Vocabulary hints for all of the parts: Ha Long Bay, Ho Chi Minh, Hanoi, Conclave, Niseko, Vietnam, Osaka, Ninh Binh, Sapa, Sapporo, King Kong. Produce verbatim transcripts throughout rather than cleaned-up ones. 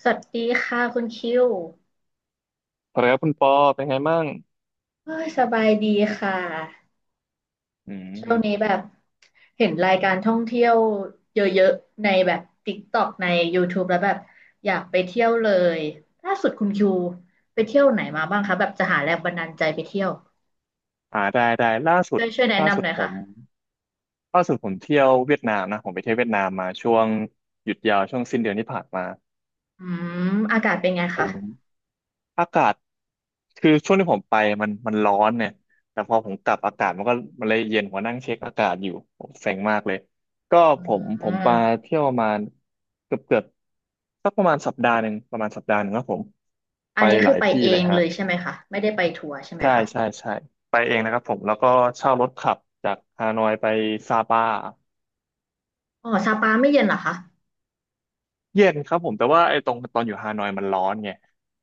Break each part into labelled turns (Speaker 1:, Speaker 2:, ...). Speaker 1: สวัสดีค่ะคุณคิว
Speaker 2: สวัสดีครับคุณปอเป็นไงบ้าง
Speaker 1: เอ้ยสบายดีค่ะ
Speaker 2: อื
Speaker 1: ช่วงนี้
Speaker 2: ม
Speaker 1: แบบเห็นรายการท่องเที่ยวเยอะๆในแบบ TikTok ใน YouTube แล้วแบบอยากไปเที่ยวเลยล่าสุดคุณคิวไปเที่ยวไหนมาบ้างคะแบบจะหาแรงบันดาลใจไปเที่ยว
Speaker 2: อ่าได้ได้ล่าสุ
Speaker 1: ช่
Speaker 2: ด
Speaker 1: วยช่วยแนะ
Speaker 2: ล่าสุ
Speaker 1: นำห
Speaker 2: ด
Speaker 1: น่อย
Speaker 2: ผ
Speaker 1: ค่ะ
Speaker 2: มล่าสุดผมเที่ยวเวียดนามนะผมไปเที่ยวเวียดนามมาช่วงหยุดยาวช่วงสิ้นเดือนที่ผ่านมา
Speaker 1: อืมอากาศเป็นไง
Speaker 2: ผ
Speaker 1: คะ
Speaker 2: มอากาศคือช่วงที่ผมไปมันมันร้อนเนี่ยแต่พอผมกลับอากาศมันก็มันเลยเย็นผมก็นั่งเช็คอากาศอยู่ผมเซ็งมากเลยก็
Speaker 1: อื
Speaker 2: ผมผมมา
Speaker 1: ม
Speaker 2: เที่ยวประมาณเกือบเกือบสักประมาณสัปดาห์หนึ่งประมาณสัปดาห์หนึ่งครับผม
Speaker 1: อั
Speaker 2: ไป
Speaker 1: นนี้
Speaker 2: ห
Speaker 1: คื
Speaker 2: ลา
Speaker 1: อ
Speaker 2: ย
Speaker 1: ไป
Speaker 2: ที่
Speaker 1: เอ
Speaker 2: เลย
Speaker 1: ง
Speaker 2: ฮะ
Speaker 1: เลยใช่ไหมคะไม่ได้ไปทัวร์ใช่ไหม
Speaker 2: ใช่
Speaker 1: คะ
Speaker 2: ใช่ใช่ไปเองนะครับผมแล้วก็เช่ารถขับจากฮานอยไปซาปา
Speaker 1: อ๋อซาปาไม่เย็นเหรอคะ
Speaker 2: เย็นครับผมแต่ว่าไอ้ตรงตอนอยู่ฮานอยมันร้อนไง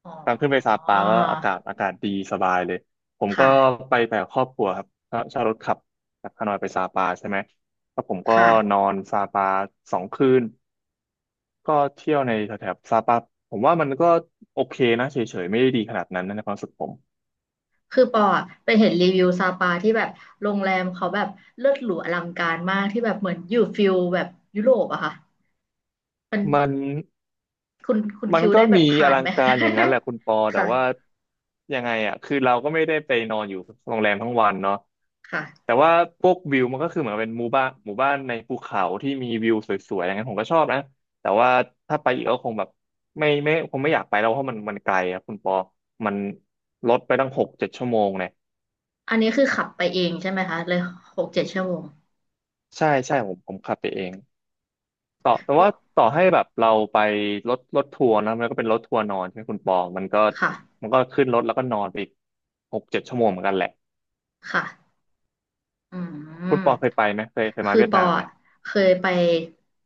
Speaker 1: อ๋
Speaker 2: ตอนขึ้นไปซา
Speaker 1: อ
Speaker 2: ปาก็อากาศอากาศดีสบายเลยผมก็
Speaker 1: ค่ะ
Speaker 2: ไปแบบครอบครัวครับเช่าเช่ารถขับจากฮานอยไปซาปาใช่ไหมแล้วผมก็
Speaker 1: ค่ะ
Speaker 2: นอนซาปาสองคืนก็เที่ยวในแถบซาปาผมว่ามันก็โอเคนะเฉยๆไม่ได้ดีขนาดนั้นนะในความรู้สึกผม
Speaker 1: คือปออะไปเห็นรีวิวซาปาที่แบบโรงแรมเขาแบบเลิศหรูอลังการมากที่แบบเหมือนอยู่ฟิลแบบยุโรปอะค่ะมัน
Speaker 2: มัน
Speaker 1: คุณคุณ
Speaker 2: มัน
Speaker 1: คิว
Speaker 2: ก็
Speaker 1: ได้แบ
Speaker 2: มี
Speaker 1: บ
Speaker 2: อ
Speaker 1: ผ่าน
Speaker 2: ลั
Speaker 1: ไห
Speaker 2: ง
Speaker 1: ม
Speaker 2: การอย่างนั้นแหละคุณปอ แต่
Speaker 1: ค่ะ
Speaker 2: ว่ายังไงอ่ะคือเราก็ไม่ได้ไปนอนอยู่โรงแรมทั้งวันเนาะ
Speaker 1: ค่ะ
Speaker 2: แต่ว่าพวกวิวมันก็คือเหมือนเป็นหมู่บ้านหมู่บ้านในภูเขาที่มีวิวสวยๆอย่างนั้นผมก็ชอบนะแต่ว่าถ้าไปอีกก็คงแบบไม่ไม่คงไม่อยากไปแล้วเพราะมันมันไกลอ่ะคุณปอมันรถไปตั้งหกเจ็ดชั่วโมงเนี่ย
Speaker 1: อันนี้คือขับไปเองใช่ไหมคะเลยหกเจ็ดชั่วโมง
Speaker 2: ใช่ใช่ผมผมขับไปเอง ต่อแต่
Speaker 1: เพ
Speaker 2: ว่า
Speaker 1: ราะ
Speaker 2: ต่อให้แบบเราไปรถรถทัวร์นะมันก็เป็นรถทัวร์นอนใช่ไหมคุณปอมันก็
Speaker 1: ค่ะ
Speaker 2: มันก็ขึ้นรถแล้วก็นอนไปอีกหกเจ็ดชั่วโมงเหมือนกันแหละ
Speaker 1: ค่ะอื
Speaker 2: คุ
Speaker 1: ม
Speaker 2: ณปอเคยไปไหมเคยเคยมา
Speaker 1: คือ
Speaker 2: เวียด
Speaker 1: ปอ
Speaker 2: นามไหม
Speaker 1: อะเคยไป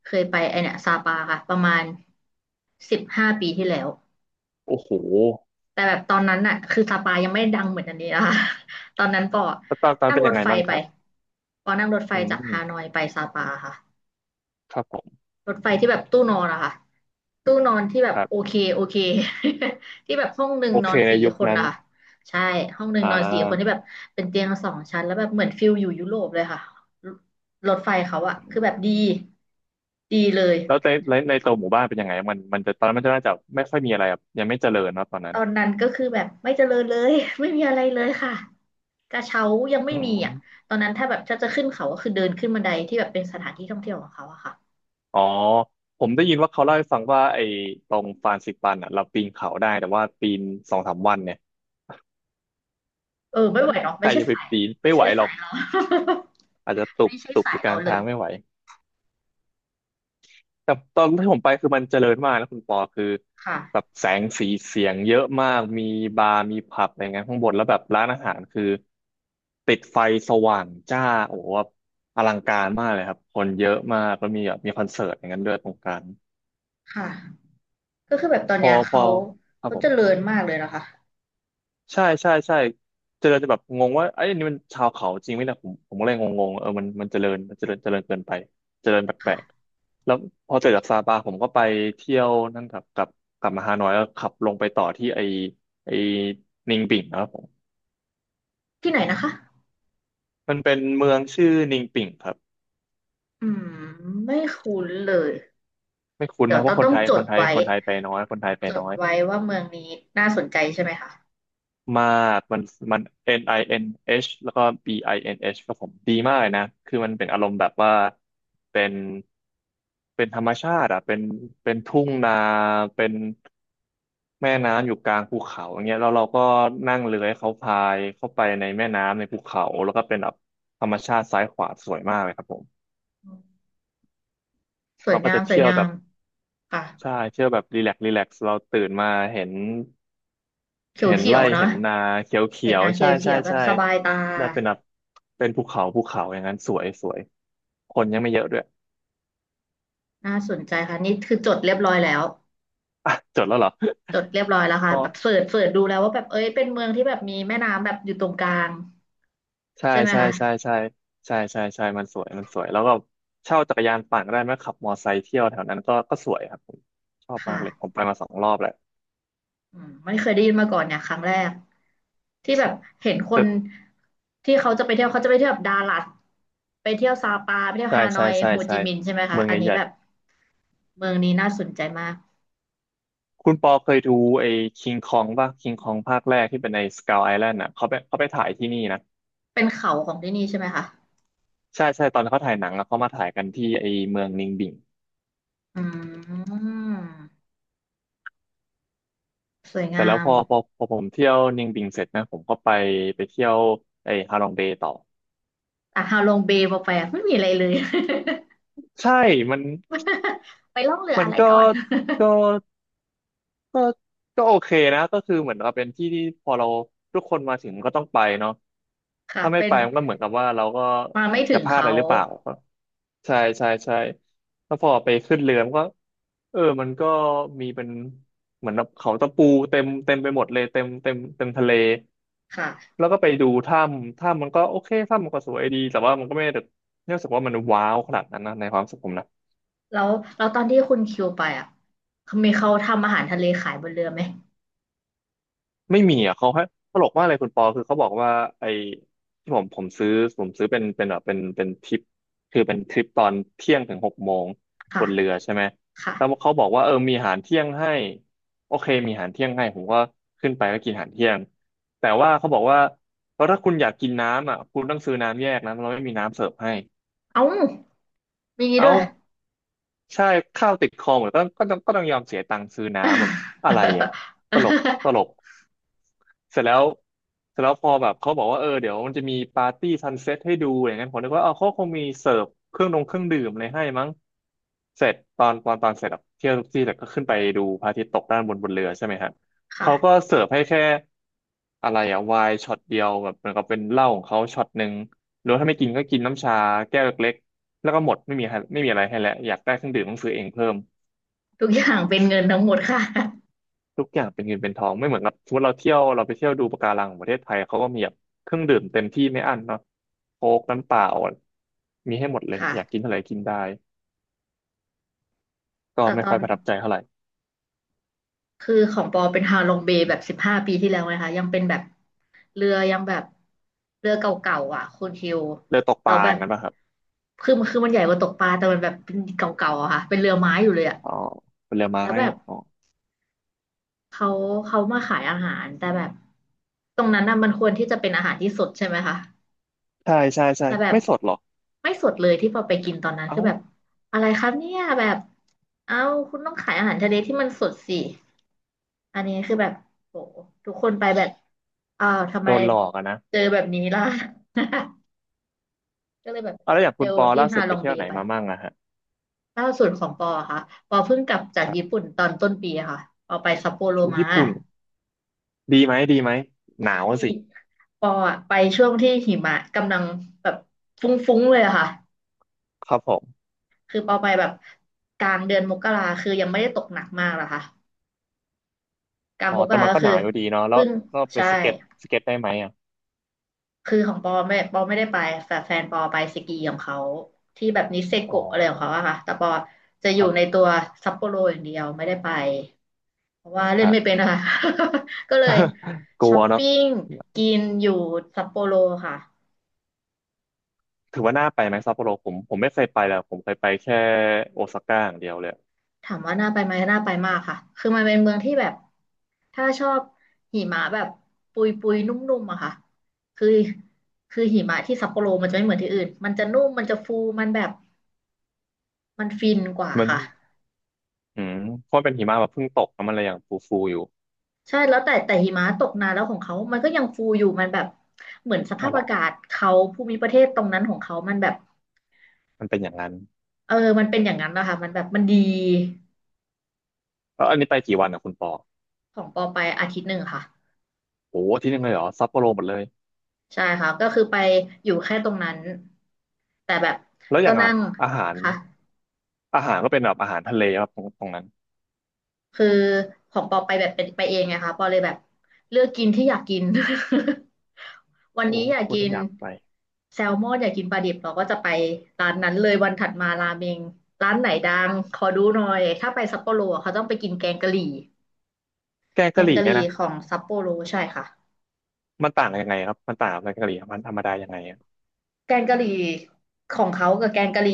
Speaker 1: เคยไปไอเนี่ยซาปาค่ะประมาณสิบห้าปีที่แล้ว
Speaker 2: โอ้โห
Speaker 1: แต่แบบตอนนั้นน่ะคือสปายังไม่ดังเหมือนอันนี้นะคะ ตอนนั้นปอ
Speaker 2: แล้วตอนตอน
Speaker 1: นั่ง
Speaker 2: เป็น
Speaker 1: ร
Speaker 2: ยั
Speaker 1: ถ
Speaker 2: งไง
Speaker 1: ไฟ
Speaker 2: บ้างค
Speaker 1: ไป
Speaker 2: รับ
Speaker 1: ปอนั่งรถไฟ
Speaker 2: อื
Speaker 1: จากฮาน
Speaker 2: ม
Speaker 1: อยไปซาปาค่ะ
Speaker 2: ครับผม
Speaker 1: รถไฟที่แบบตู้นอนอะค่ะตู้นอนที่แบบ
Speaker 2: ครั
Speaker 1: โอ
Speaker 2: บ
Speaker 1: เคโอเค ที่แบบห้องหนึ่ง
Speaker 2: โอ
Speaker 1: นอ
Speaker 2: เค
Speaker 1: น
Speaker 2: ใน
Speaker 1: สี่
Speaker 2: ยุค
Speaker 1: คน
Speaker 2: นั้น
Speaker 1: อะค่ะใช่ห้องหนึ่ง
Speaker 2: อ่
Speaker 1: นอนสี่คนที่แบ
Speaker 2: า
Speaker 1: บเป็นเตียงสองชั้นแล้วแบบเหมือนฟิลอยู่ยุโรปเลยค่ะรรถไฟเขาอะคือแบบดีดีเลย
Speaker 2: แล้วในในในตัวหมู่บ้านเป็นยังไงมันมันจะตอนนั้นมันจะน่าจะไม่ค่อยมีอะไรอะยังไม่เจริญเนอะตอน
Speaker 1: ต
Speaker 2: นั้น
Speaker 1: อนนั้นก็คือแบบไม่เจริญเลย ไม่มีอะไรเลยค่ะกระเช้ายังไม่
Speaker 2: อื
Speaker 1: มีอ่ะ
Speaker 2: ม
Speaker 1: ตอนนั้นถ้าแบบจะจะขึ้นเขาก็คือเดินขึ้นบันไดที่แบบเป็นสถานที่ท่องเที่ยวของเขาอะค่ะ
Speaker 2: อ๋อผมได้ยินว่าเขาเล่าให้ฟังว่าไอ้ตรงฟรานซิปันอ่ะเราปีนเขาได้แต่ว่าปีนสองสามวันเนี่ย
Speaker 1: เออไม่ไหวเนาะ
Speaker 2: ใค
Speaker 1: ไม่
Speaker 2: ร
Speaker 1: ใช่
Speaker 2: จะไป
Speaker 1: สาย
Speaker 2: ปีน
Speaker 1: ไม่
Speaker 2: ไม่ไห
Speaker 1: ใช่
Speaker 2: วหร
Speaker 1: สา
Speaker 2: อก
Speaker 1: ยเรา
Speaker 2: อาจจะ ตุบ
Speaker 1: ไม่ใช่
Speaker 2: ตุบ
Speaker 1: สา
Speaker 2: อ
Speaker 1: ย
Speaker 2: ยู่ก
Speaker 1: เรา
Speaker 2: ลาง
Speaker 1: เล
Speaker 2: ทา
Speaker 1: ย
Speaker 2: งไม่ไหวแต่ตอนที่ผมไปคือมันเจริญมากนะคุณปอคือแบ
Speaker 1: ค่ะ
Speaker 2: บแสงสีเสียงเยอะมากมีบาร์มีผับอะไรเงี้ยข้างบนแล้วแบบร้านอาหารคือติดไฟสว่างจ้าโอ้โหแบบอลังการมากเลยครับคนเยอะมากแล้วมีแบบมีคอนเสิร์ตอย่างนั้นด้วยตรงกลาง
Speaker 1: ค่ะก็คือแบบตอน
Speaker 2: พอ
Speaker 1: เนี้ย
Speaker 2: พ
Speaker 1: เขา
Speaker 2: อครับ
Speaker 1: เขา
Speaker 2: ผ
Speaker 1: เจริ
Speaker 2: ม
Speaker 1: ญมากเลยนะคะ
Speaker 2: ใช่ใช่ใช่เจริญจะแบบงงว่าไอ้ยอันนี่มันชาวเขาจริงไหมเนี่ผมผมก็เลยงงๆเออมันมันเจริญมันเจริญเจริญเกินไปเจริญแปลก
Speaker 1: ค่ะ
Speaker 2: ๆแล้วพอเสร็จจากซาปาผมก็ไปเที่ยวนั่นกับกับกลับมาฮานอยแล้วขับลงไปต่อที่ไอไอนิงปิ่งนะครับผม
Speaker 1: ที่ไหนนะคะ
Speaker 2: มันเป็นเมืองชื่อนิงปิ่งครับ
Speaker 1: อืมไม่คุ้นเลย
Speaker 2: ไม่คุ้น
Speaker 1: เดี๋ย
Speaker 2: นะ
Speaker 1: ว
Speaker 2: เพ
Speaker 1: ต้อ
Speaker 2: ราะ
Speaker 1: ง
Speaker 2: ค
Speaker 1: ต้
Speaker 2: น
Speaker 1: อง
Speaker 2: ไทย
Speaker 1: จ
Speaker 2: ค
Speaker 1: ด
Speaker 2: นไทย
Speaker 1: ไว้
Speaker 2: คนไทยไปน้อยคนไทยไป
Speaker 1: จ
Speaker 2: น้
Speaker 1: ด
Speaker 2: อย
Speaker 1: ไว้ว่าเมืองนี้น่าสนใจใช่ไหมคะ
Speaker 2: มากมันมัน เอ็น ไอ เอ็น เอช แล้วก็ บี ไอ เอ็น เอช ครับผมดีมากเลยนะคือมันเป็นอารมณ์แบบว่าเป็นเป็นธรรมชาติอ่ะเป็นเป็นทุ่งนาเป็นแม่น้ำอยู่กลางภูเขาอย่างเงี้ยแล้วเราก็นั่งเรือให้เขาพายเข้าไปในแม่น้ำในภูเขาแล้วก็เป็นแบบธรรมชาติซ้ายขวาสวยมากเลยครับผม
Speaker 1: อืมสวย
Speaker 2: เราก็
Speaker 1: งาม
Speaker 2: จะ
Speaker 1: สวย
Speaker 2: เที่ยว
Speaker 1: งา
Speaker 2: แบ
Speaker 1: ม
Speaker 2: บ
Speaker 1: ค่ะ
Speaker 2: ใช่เที่ยวแบบรีแลกซ์รีแลกซ์เราตื่นมาเห็น
Speaker 1: เ
Speaker 2: เห็น
Speaker 1: ขีย
Speaker 2: ไร่
Speaker 1: วๆเนาะ
Speaker 2: เห็นนาเขียวเขี
Speaker 1: เห็ด
Speaker 2: ยว
Speaker 1: นางเข
Speaker 2: ใช่
Speaker 1: ี
Speaker 2: ใช่
Speaker 1: ยวๆแบบ
Speaker 2: ใช่
Speaker 1: สบายตา
Speaker 2: แล้วเป็นแบบเป็นภูเขาภูเขาอย่างนั้นสวยสวยคนยังไม่เยอะด้วย
Speaker 1: น่าสนใจค่ะนี่คือจดเรียบร้อยแล้ว
Speaker 2: อ่ะจดแล้วเหรอ
Speaker 1: จดเรียบร้อยแล้ว
Speaker 2: เพ
Speaker 1: ค่ะแบ
Speaker 2: ราะ
Speaker 1: บเสิร์ชเสิร์ชดูแล้วว่าแบบเอ้ยเป็นเมืองที่แบบมีแม่น้ำแบบอยู่ตรงกลาง
Speaker 2: ใช่
Speaker 1: ใช่ไหม
Speaker 2: ใช่
Speaker 1: คะ
Speaker 2: ใช่ใช่ใช่ใช่ใช่มันสวยมันสวยแล้วก็เช่าจักรยานปั่นก็ได้ไหมขับมอไซค์เที่ยวแถวนั้นก็ก็สวยครับผมชอบ
Speaker 1: ค
Speaker 2: มากเลยผม
Speaker 1: ่ะ
Speaker 2: ไปมาสองรอบแล้ว
Speaker 1: อืมไม่เคยได้ยินมาก่อนเนี่ยครั้งแรกที่แบบเห็นคนที่เขาจะไปเที่ยวเขาจะไปเที่ยวแบบดาลัดไปเที่ยวซาปาไปเที่ยว
Speaker 2: ใช่
Speaker 1: ฮาน
Speaker 2: ใช่
Speaker 1: อย
Speaker 2: ใช่
Speaker 1: โฮจิ
Speaker 2: ใช่
Speaker 1: มินห์ใช่ไหมคะ
Speaker 2: เมือง
Speaker 1: อันนี้
Speaker 2: ใหญ่
Speaker 1: แบบเมืองนี้น่าสนใจมาก
Speaker 2: คุณปอเคยดูไอ้คิงคองป่ะคิงคองภาคแรกที่เป็นในสก u l ไอแลนด์อ่ะเขาไปเขาไปถ่ายที่นี่นะ
Speaker 1: เป็นเขาของที่นี่ใช่ไหมคะ
Speaker 2: ใช่ใช่ตอนเขาถ่ายหนังอะเขามาถ่ายกันที่ไอ้เมืองนิงบิง
Speaker 1: อืมสวย
Speaker 2: เส
Speaker 1: งา
Speaker 2: ร็จแล้ว
Speaker 1: ม
Speaker 2: พอพอพอผมเที่ยวนิงบิงเสร็จนะผมก็ไปไปเที่ยวไอ้ฮาลองเบย์ต่อ
Speaker 1: อ่ะฮาลงเบย์พอไปอะไม่มีอะไรเลย
Speaker 2: ใช่มัน
Speaker 1: ไปล่องเรือ
Speaker 2: มัน
Speaker 1: อะไร
Speaker 2: ก็
Speaker 1: ก่อน
Speaker 2: ก็ ก็ก็โอเคนะก็คือเหมือนกับเป็นที่ที่พอเราทุกคนมาถึงก็ต้องไปเนาะ
Speaker 1: ค่ะ
Speaker 2: ถ้าไม่
Speaker 1: เป็น
Speaker 2: ไปมันก็เหมือนกับว่าเราก็
Speaker 1: มาไม่ถึ
Speaker 2: จะ
Speaker 1: ง
Speaker 2: พลาดอะ
Speaker 1: เขา
Speaker 2: ไรหรือเปล่าใช่ใช่ใช่แล้วพอไปขึ้นเรือมันก็เออมันก็มีเป็นเหมือนเขาตะปูเต็มเต็มไปหมดเลยเต็มเต็มเต็มทะเล
Speaker 1: ค่ะ
Speaker 2: แล้วก็ไปดูถ้ำถ้ำมันก็โอเคถ้ำมันก็สวยดีแต่ว่ามันก็ไม่ได้ไม่รู้สึกว่ามันว้าวขนาดนั้นนะในความรู้สึกผมนะ
Speaker 1: แล้วแล้วตอนที่คุณคิวไปอ่ะมีเขาทำอาหารทะเลขายบนเรือไหม
Speaker 2: ไม่มีอ่ะเขาให้ตลกมากเลยคุณปอคือเขาบอกว่าไอ้ที่ผมผมซื้อผมซื้อเป็นเป็นแบบเป็นเป็นทริปคือเป็นทริปตอนเที่ยงถึงหกโมงบ
Speaker 1: ค่ะ
Speaker 2: นเรือใช่ไหม
Speaker 1: ค่ะ
Speaker 2: แล้วเขาบอกว่าเออมีอาหารเที่ยงให้โอเคมีอาหารเที่ยงให้ผมก็ขึ้นไปก็กินอาหารเที่ยงแต่ว่าเขาบอกว่าเพราะถ้าคุณอยากกินน้ำอ่ะคุณต้องซื้อน้ำแยกนะเราไม่มีน้ำเสิร์ฟให้
Speaker 1: เอ้ามี
Speaker 2: เอ้า
Speaker 1: ด้วย
Speaker 2: ใช่ข้าวติดคอหมดก็ก็ต้องก็ต้องยอมเสียตังค์ซื้อน้ำแบบอะไรอ่ะต ลกตลกเสร็จแล้วเสร็จแล้วพอแบบเขาบอกว่าเออเดี๋ยวมันจะมีปาร์ตี้ซันเซ็ตให้ดูอย่างนั้นผมนึกว่าเอาเขาคงมีเสิร์ฟเครื่องดงเครื่องดื่มอะไรให้มั้งเสร็จตอนตอนตอนเสร็จอะเที่ยวที่เสร็จก็ขึ้นไปดูพระอาทิตย์ตกด้านบนบนเรือใช่ไหมฮะ
Speaker 1: ค่ะ
Speaker 2: เขาก็เสิร์ฟให้แค่อะไรอะไวน์ช็อตเดียวแบบเหมือนกับเป็นเหล้าของเขาช็อตหนึ่งหรือว่าถ้าไม่กินก็กินน้ำชาแก้วเล็ก แล้วก็หมดไม่มีให้ไม่มีอะไรให้แล้วอยากได้เครื่องดื่มต้องซื้อเองเพิ่ม
Speaker 1: ทุกอย่างเป็นเงินทั้งหมดค่ะ
Speaker 2: ทุกอย่างเป็นเงินเป็นทองไม่เหมือนกับสมมติเราเที่ยวเราไปเที่ยวดูปะการังของประเทศไทยเขาก็มีแบบเครื่องดื่มเต็มที่ไม่อั้นเนาะโค้กน้ำเปล่ามีให้หมดเลย
Speaker 1: ค่ะ
Speaker 2: อยากกินเท่าไหร่กินได้ก็
Speaker 1: แต่
Speaker 2: ไม่
Speaker 1: ตอ
Speaker 2: ค่อย
Speaker 1: น
Speaker 2: ประทับใจเท่าไหร่
Speaker 1: คือของปอเป็นฮาลองเบย์แบบสิบห้าปีที่แล้วนะคะยังเป็นแบบ เรือยังแบบเรือเก่าๆอ่ะคุณคิว
Speaker 2: เลยตกป
Speaker 1: เรา
Speaker 2: ลา
Speaker 1: แบ
Speaker 2: อย่า
Speaker 1: บ
Speaker 2: งนั้นป่ะครับ
Speaker 1: คือมันคือมันใหญ่กว่าตกปลาแต่มันแบบเป็นเก่าๆอะค่ะเป็นเรือไม้อยู่เลยอ่ะ
Speaker 2: อ๋อผลไม้
Speaker 1: แล้วแบบ
Speaker 2: อ๋อ
Speaker 1: เขาเขามาขายอาหารแต่แบบตรงนั้นน่ะมันควรที่จะเป็นอาหารที่สดใช่ไหมคะ
Speaker 2: ใช่ใช่ใช่
Speaker 1: แต่แบบ
Speaker 2: ไม่สดหรอก
Speaker 1: ไม่สดเลยที่พอไปกินตอนนั้น
Speaker 2: เอ้า
Speaker 1: คือแบบอะไรครับเนี่ยแบบเอ้าคุณต้องขายอาหารทะเลที่มันสดสิอันนี้คือแบบโหทุกคนไปแบบอ้าวทำ
Speaker 2: โด
Speaker 1: ไม
Speaker 2: นหลอกอะนะ
Speaker 1: เจอแบบนี้ล่ะ ก็เลยแบบ
Speaker 2: เอาแล้วอย่างคุ
Speaker 1: เร็
Speaker 2: ณ
Speaker 1: ว
Speaker 2: ปอ
Speaker 1: ที่
Speaker 2: ล่า
Speaker 1: ฮา
Speaker 2: สุด
Speaker 1: ล
Speaker 2: ไป
Speaker 1: อง
Speaker 2: เที่
Speaker 1: เบ
Speaker 2: ยวไหน
Speaker 1: ไป
Speaker 2: มามั่งอะฮะ
Speaker 1: ล่าสุดของปอค่ะปอเพิ่งกลับจาก
Speaker 2: ครั
Speaker 1: ญี่
Speaker 2: บ
Speaker 1: ปุ่นตอนต้นปีค่ะปอไปซัปโปโร
Speaker 2: อู้
Speaker 1: มา
Speaker 2: ญี่ปุ่นดีไหมดีไหมหนาว
Speaker 1: ดี
Speaker 2: สิ
Speaker 1: ปออะไปช่วงที่หิมะกำลังแบบฟุ้งๆเลยอะค่ะ
Speaker 2: ครับผม
Speaker 1: คือปอไปแบบกลางเดือนมกราคือยังไม่ได้ตกหนักมากหรอกค่ะกลาง
Speaker 2: อ๋อ
Speaker 1: มก
Speaker 2: แต่
Speaker 1: รา
Speaker 2: มัน
Speaker 1: ก็
Speaker 2: ก็ห
Speaker 1: คือ
Speaker 2: นาอยู่ดีเนาะแล้ว
Speaker 1: เพิ่ง
Speaker 2: เราไป
Speaker 1: ใช่
Speaker 2: สเก็ตสเก็ตได้ไหมอ่ะ
Speaker 1: คือของปอไม่ปอไม่ได้ไปแต่แฟนปอไปสกีของเขาที่แบบนิเซ
Speaker 2: อ๋อ
Speaker 1: โกะอะไรของเขาอะค่ะแต่ปอจะอ
Speaker 2: ค
Speaker 1: ยู่ใน
Speaker 2: รับ
Speaker 1: ตัวซัปโปโรอย่างเดียวไม่ได้ไป เพราะว่า
Speaker 2: ค
Speaker 1: เล่น
Speaker 2: รับ
Speaker 1: ไม่เป็นนะคะ ก็เลย
Speaker 2: กลั
Speaker 1: ช้อ
Speaker 2: ว
Speaker 1: ป
Speaker 2: เนาะ
Speaker 1: ปิ้งกินอยู่ซัปโปโรค่ะ
Speaker 2: ถือว่าน่าไปไหมซัปโปโรผมผมไม่เคยไปเลยผมเคยไปแค่โอซาก้าอย่างเดียวเลย
Speaker 1: ถามว่าน่าไปไหมน่าไปมากค่ะคือมันเป็นเมืองที่แบบถ้าชอบหิมะแบบปุยปุยนุ่มๆอะค่ะคือคือหิมะที่ซัปโปโรมันจะไม่เหมือนที่อื่นมันจะนุ่มมันจะฟูมันแบบมันฟินกว่า
Speaker 2: มัน
Speaker 1: ค่ะ
Speaker 2: อืมเพราะมันเป็นหิมะแบบเพิ่งตกแล้วมันเลยยังฟูฟูอยู่
Speaker 1: ใช่แล้วแต่แต่หิมะตกนานแล้วของเขามันก็ยังฟูอยู่มันแบบเหมือนส
Speaker 2: อ๋
Speaker 1: ภา
Speaker 2: อ
Speaker 1: พ
Speaker 2: เหรอ
Speaker 1: อากาศเขาภูมิประเทศตรงนั้นของเขามันแบบ
Speaker 2: มันเป็นอย่างนั้น
Speaker 1: เออมันเป็นอย่างนั้นนะคะมันแบบมันดี
Speaker 2: แล้วอันนี้ไปกี่วันอ่ะคุณปอ
Speaker 1: ของปอไปอาทิตย์หนึ่งค่ะ
Speaker 2: โอ้โหอาที่นึงเลยเหรอซัปโปโรหมดเลย
Speaker 1: ใช่ค่ะก็คือไปอยู่แค่ตรงนั้นแต่แบบ
Speaker 2: แล้วอ
Speaker 1: ก็
Speaker 2: ย่างอะ
Speaker 1: นั่ง
Speaker 2: อาหาร
Speaker 1: ค่ะ
Speaker 2: อาหารก็เป็นแบบอาหารทะเลครับตรงตรงนั้น
Speaker 1: คือของปอไปแบบเป็นไปเองไงคะปอเลยแบบเลือกกินที่อยากกิน วัน
Speaker 2: โอ้
Speaker 1: นี้อยาก
Speaker 2: คุณ
Speaker 1: กิ
Speaker 2: เลย
Speaker 1: น
Speaker 2: อยากไป
Speaker 1: แซลมอนอยากกินปลาดิบเราก็จะไปร้านนั้นเลยวันถัดมาราเมงร้านไหนดังขอดูหน่อยถ้าไปซัปโปโรอะเขาต้องไปกินแกงกะหรี่
Speaker 2: แกง
Speaker 1: แก
Speaker 2: กะห
Speaker 1: ง
Speaker 2: รี่
Speaker 1: กะห
Speaker 2: เนี่ย
Speaker 1: รี่
Speaker 2: นะ
Speaker 1: ของซัปโปโรใช่ค่ะ
Speaker 2: มันต่างกันยังไงครับมันต่างกับแกงกะหรี่มันธรรมดายังไง
Speaker 1: แกงกะหรี่ของเขากับแกงกะหรี่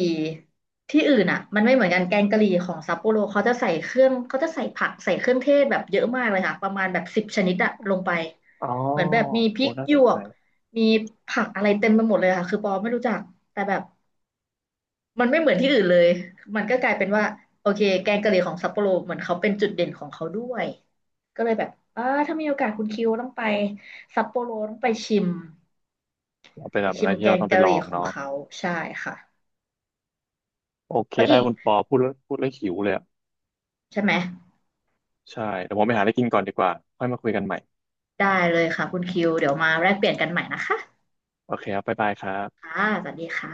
Speaker 1: ที่อื่นอ่ะมันไม่เหมือนกันแกงกะหรี่ของซัปโปโรเขาจะใส่เครื่องเขาจะใส่ผักใส่เครื่องเทศแบบเยอะมากเลยค่ะประมาณแบบสิบชนิดอะลงไป
Speaker 2: อ๋อ
Speaker 1: เหมือนแบบมีพริ
Speaker 2: โอ้
Speaker 1: ก
Speaker 2: น่า
Speaker 1: หย
Speaker 2: สน
Speaker 1: ว
Speaker 2: ใจ
Speaker 1: กมีผักอะไรเต็มไปหมดเลยค่ะคือปอไม่รู้จักแต่แบบมันไม่เหมือนที่อื่นเลยมันก็กลายเป็นว่าโอเคแกงกะหรี่ของซัปโปโรเหมือนเขาเป็นจุดเด่นของเขาด้วยก็เลยแบบอ่าถ้ามีโอกาสคุณคิวต้องไปซัปโปโรต้องไปชิม
Speaker 2: เราเป็น
Speaker 1: ไป
Speaker 2: แบบ
Speaker 1: ชิ
Speaker 2: อะไร
Speaker 1: ม
Speaker 2: ที่
Speaker 1: แก
Speaker 2: เรา
Speaker 1: ง
Speaker 2: ต้องไป
Speaker 1: กะห
Speaker 2: ลอ
Speaker 1: รี่
Speaker 2: ง
Speaker 1: ของ
Speaker 2: เนาะ
Speaker 1: เขาใช่ค่ะ
Speaker 2: โอเค
Speaker 1: แล้ว
Speaker 2: ได้
Speaker 1: อีก
Speaker 2: คุณปอพูดแล้วพูดแล้วหิวเลยอ่ะ
Speaker 1: ใช่ไหม
Speaker 2: ใช่เดี๋ยวผมไปหาอะไรกินก่อนดีกว่าค่อยมาคุยกันใหม่
Speaker 1: ได้เลยค่ะคุณคิวเดี๋ยวมาแลกเปลี่ยนกันใหม่นะคะ
Speaker 2: โอเคครับบ๊ายบายครับ
Speaker 1: ค่ะสวัสดีค่ะ